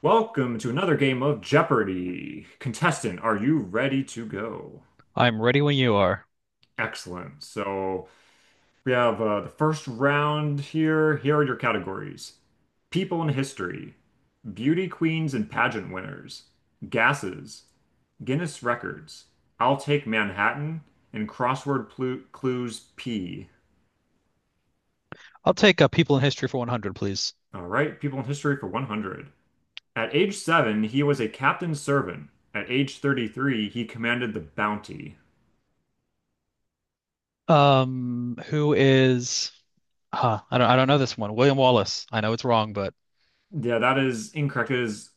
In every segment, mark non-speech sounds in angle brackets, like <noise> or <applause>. Welcome to another game of Jeopardy! Contestant, are you ready to go? I'm ready when you are. Excellent. So we have the first round here. Here are your categories: People in History, Beauty Queens and Pageant Winners, Gases, Guinness Records, I'll Take Manhattan, and Crossword Clues P. I'll take people in history for 100, please. All right, People in History for 100. At age 7, he was a captain's servant. At age 33, he commanded the Bounty. Who is? I don't. I don't know this one. William Wallace. I know it's wrong, but Yeah, that is incorrect. It is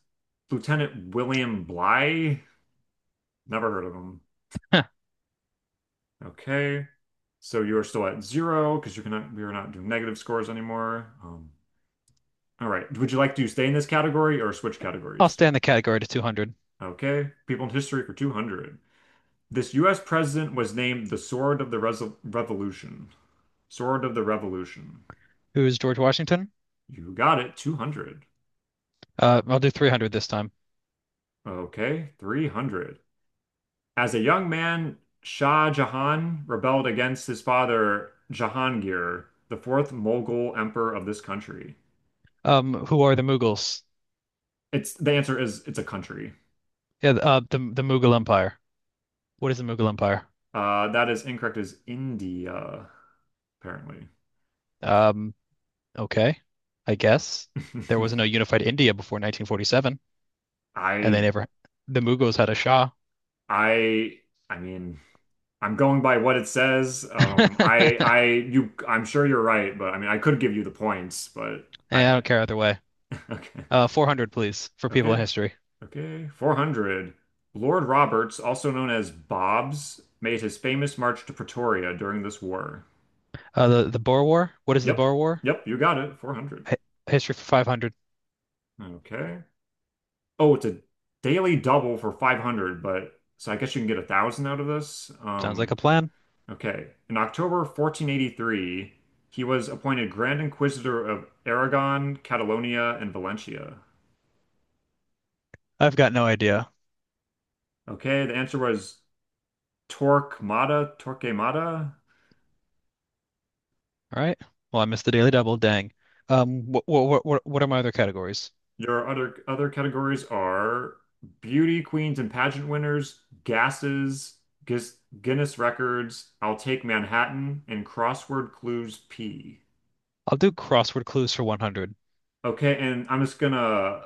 Lieutenant William Bly. Never heard of him. huh, Okay. So you are still at zero because you cannot we are not doing negative scores anymore. All right. Would you like to stay in this category or switch I'll categories? stay in the category to 200. Okay. People in history for 200. This US president was named the Sword of the Resol Revolution. Sword of the Revolution. Who is George Washington? You got it. 200. I'll do 300 this time. Okay. 300. As a young man, Shah Jahan rebelled against his father, Jahangir, the fourth Mughal emperor of this country. Who are the Mughals? It's The answer is, it's a country. Yeah, the Mughal Empire. What is the Mughal Empire? That is incorrect, is India, apparently. Um, okay, I guess there was no <laughs> unified India before 1947, and they I never. The Mughals had a Shah. I I mean, I'm going by what it says. <laughs> I'm sure you're right, but I mean, I could give you the points, but And I I don't care either way. <laughs> okay. 400, please, for people in Okay. history. Okay. 400. Lord Roberts, also known as Bobs, made his famous march to Pretoria during this war. The Boer War. What is the Yep. Boer War? Yep. You got it. 400. Hi History for 500. Okay. Oh, it's a daily double for 500, but so I guess you can get 1,000 out of this. Sounds like a plan. Okay. In October 1483, he was appointed Grand Inquisitor of Aragon, Catalonia, and Valencia. I've got no idea. Okay. The answer was Torquemada, Torquemada. All right. Well, I missed the Daily Double. Dang. What are my other categories? Your other categories are beauty queens and pageant winners, gases, Guinness, Guinness records, I'll take Manhattan, and crossword clues P. I'll do crossword clues for 100. Okay, and I'm just gonna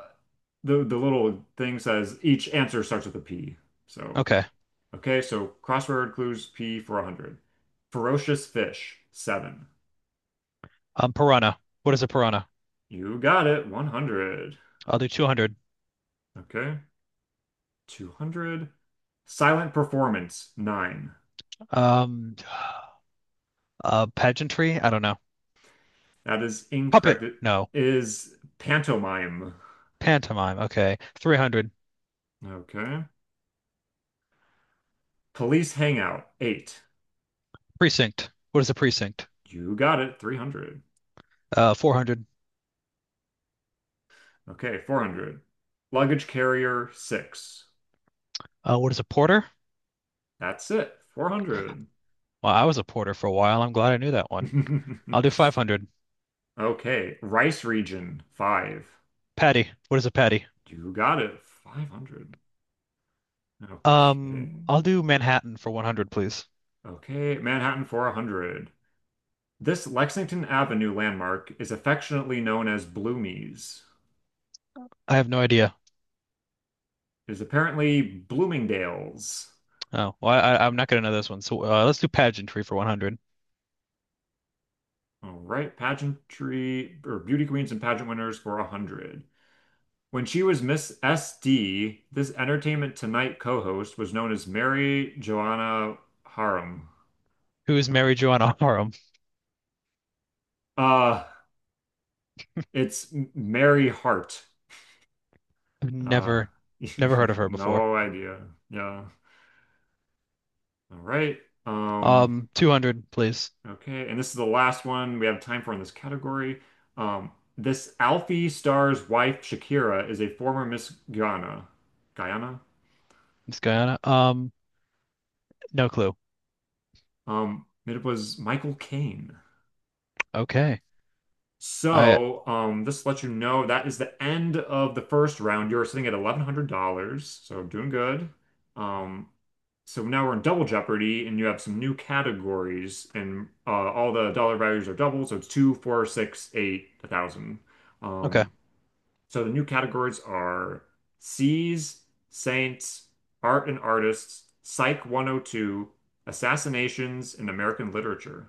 the little thing says each answer starts with a P. So Okay. okay, so crossword clues P for 100. Ferocious fish, seven. Piranha. What is a piranha? You got it, 100. I'll do 200. Okay, 200. Silent performance, nine. Um, Pageantry. I don't know. That is Puppet. incorrect. It No. is pantomime. Pantomime. Okay. 300. Okay. Police hangout, eight. Precinct. What is a precinct? You got it, 300. 400. Okay, 400. Luggage carrier, six. What is a porter? That's it, 400. Well, I was a porter for a while. I'm glad I knew that one. I'll do <laughs> 500. Okay, rice region, five. Patty. What is a patty? You got it, 500. Okay. I'll do Manhattan for 100, please. Okay, Manhattan, 400. This Lexington Avenue landmark is affectionately known as Bloomies. I have no idea. It is apparently Bloomingdale's. Oh, well, I'm not gonna know this one. So let's do pageantry for 100. All right, pageantry or beauty queens and pageant winners for 100. When she was Miss SD, this Entertainment Tonight co-host was known as Mary Joanna Harum. Who is Mary Joanna <laughs> Parham? Uh, it's Mary Hart. I've Uh, never, never heard of <laughs> her before. no idea. Yeah. All right. Um, 200, please. okay, and this is the last one we have time for in this category. Um, this Alfie star's wife, Shakira, is a former Miss Guyana. Guyana? Miss Guyana. No clue. It was Michael Caine. Okay. I So, this lets you know that is the end of the first round. You're sitting at $1,100, so doing good. Um, so now we're in Double Jeopardy, and you have some new categories, and all the dollar values are double, so it's two, four, six, eight, 1,000. Okay. Um, so the new categories are Seas, Saints, Art and Artists, Psych 102, Assassinations, and American Literature.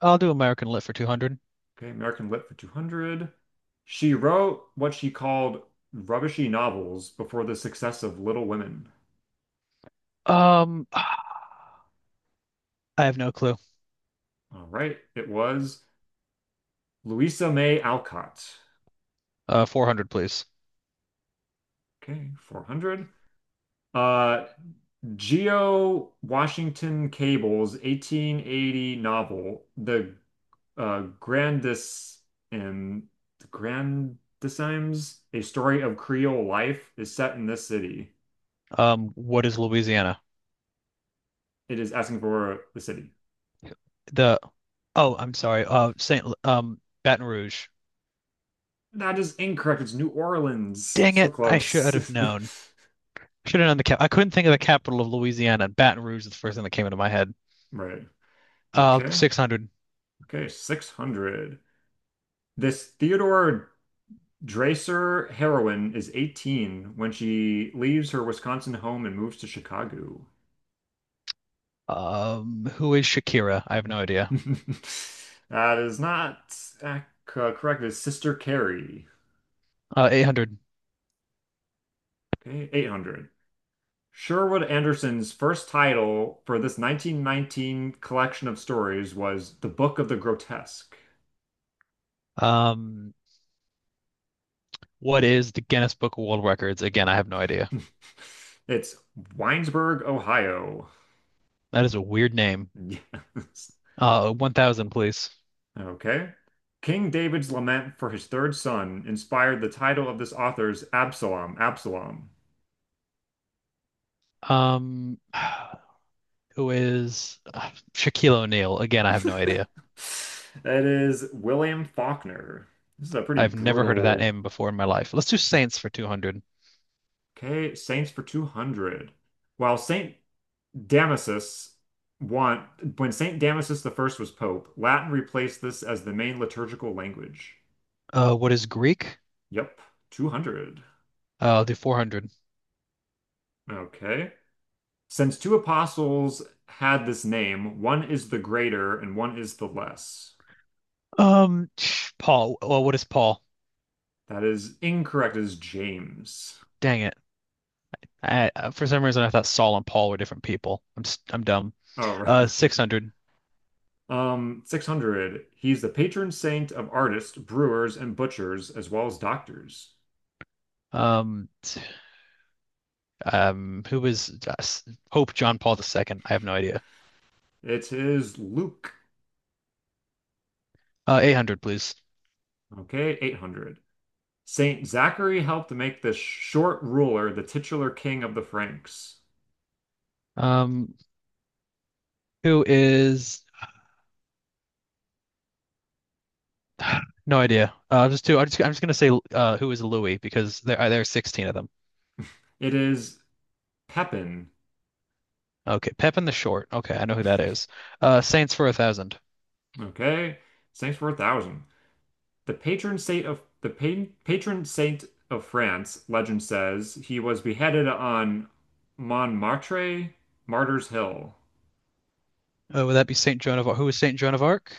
I'll do American Lit for 200. Okay, American Lit for 200. She wrote what she called rubbishy novels before the success of Little Women. I have no clue. All right, it was Louisa May Alcott. 400, please. Okay, 400. Uh, Geo Washington Cable's 1880 novel, uh, Grandis and the Grandissimes, A Story of Creole Life, is set in this city. What is Louisiana? It is asking for the city. The Oh, I'm sorry. Saint Baton Rouge. That is incorrect. It's New Orleans. Dang So it, I should have close. known. <laughs> Should have known the cap. I couldn't think of the capital of Louisiana. Baton Rouge is the first thing that came into my head. Right. Okay. 600. Okay. 600. This Theodore Dreiser heroine is 18 when she leaves her Wisconsin home and moves to Chicago. Who is Shakira? I have no idea. <laughs> That is not ac- correct. It's Sister Carrie. 800. Okay. 800. Sherwood Anderson's first title for this 1919 collection of stories was The Book of the Grotesque. Um, what is the Guinness Book of World Records? Again, I have no idea. <laughs> It's Winesburg, Ohio. <laughs> That is a weird name. Yes. 1000, please. Okay. King David's lament for his third son inspired the title of this author's Absalom, Absalom. Um, <sighs> who is Shaquille O'Neal? Again, I have no <laughs> idea. That is William Faulkner. This is a pretty I've never heard of that brutal. name before in my life. Let's do Saints for 200. Okay, Saints for 200. While Saint Damasus want When Saint Damasus the first was pope, Latin replaced this as the main liturgical language. What is Greek? Yep, 200. I'll do 400. Okay. Since two apostles had this name, one is the greater and one is the less. Um, Paul. Well, what is Paul? That is incorrect. It is James. Dang it! For some reason, I thought Saul and Paul were different people. I'm dumb. Oh, right. <laughs> 600. 600. He's the patron saint of artists, brewers, and butchers, as well as doctors. Um, t- who was Pope John Paul II? I have no idea. It is Luke. 800, please. Okay, 800. Saint Zachary helped make the short ruler the titular king of the Franks. Um, who is? No idea. I'll just do. I'm just gonna say who is Louis because there are 16 of them. It is Pepin. Okay, Pepin the Short. Okay, I know who that is. Saints for a thousand. Okay, thanks for 1,000. The patron saint of France, legend says, he was beheaded on Montmartre, Martyrs Hill. Would that be Saint Joan of Arc? Who is Saint Joan of Arc?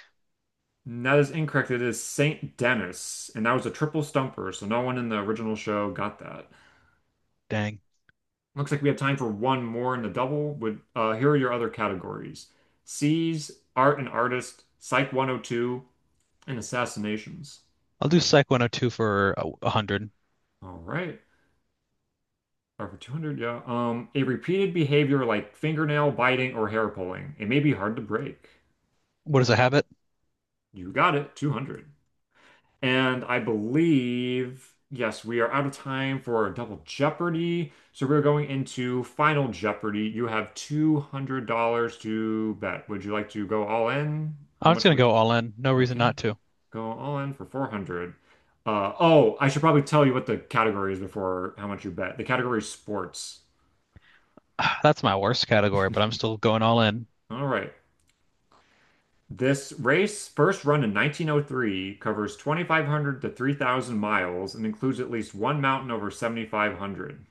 And That is incorrect. It is Saint Denis, and that was a triple stumper, so no one in the original show got that. Dang. Looks like we have time for one more in the double. Would Here are your other categories: C's, Art and Artist, Psych 102, and Assassinations. I'll do Psych 102 for a 100. All right. Or for 200, yeah. A repeated behavior like fingernail biting or hair pulling. It may be hard to break. What is a habit? You got it, 200. And I believe, yes, we are out of time for Double Jeopardy. So we're going into Final Jeopardy. You have $200 to bet. Would you like to go all in? How I'm just much gonna would go all you? in. No reason Okay, not to. go all in for 400. Oh, I should probably tell you what the category is before how much you bet. The category is sports. <sighs> That's my worst category, but I'm still going all in. All right. This race, first run in 1903, covers 2,500 to 3,000 miles and includes at least one mountain over 7,500.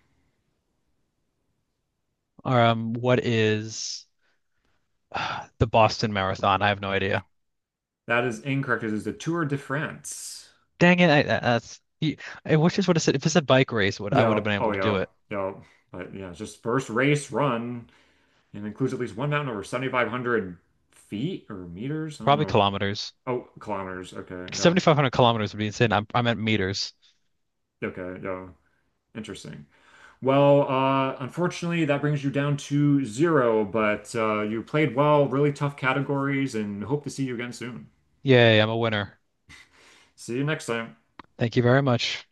What is <sighs> the Boston Marathon? I have no idea. That is incorrect. It is the Tour de France. Dang it! I wish this would have said if it's a bike race, would I would Yeah. have been Oh, able to do yeah. it? Yeah. But yeah, it's just first race run and includes at least one mountain over 7,500 feet or meters. I don't Probably know. kilometers. Oh, kilometers. Okay. Yeah. 7,500 kilometers would be insane. I'm meters. Okay. Yeah. Interesting. Well, unfortunately, that brings you down to zero, but you played well, really tough categories, and hope to see you again soon. Yay! I'm a winner. See you next time. Thank you very much.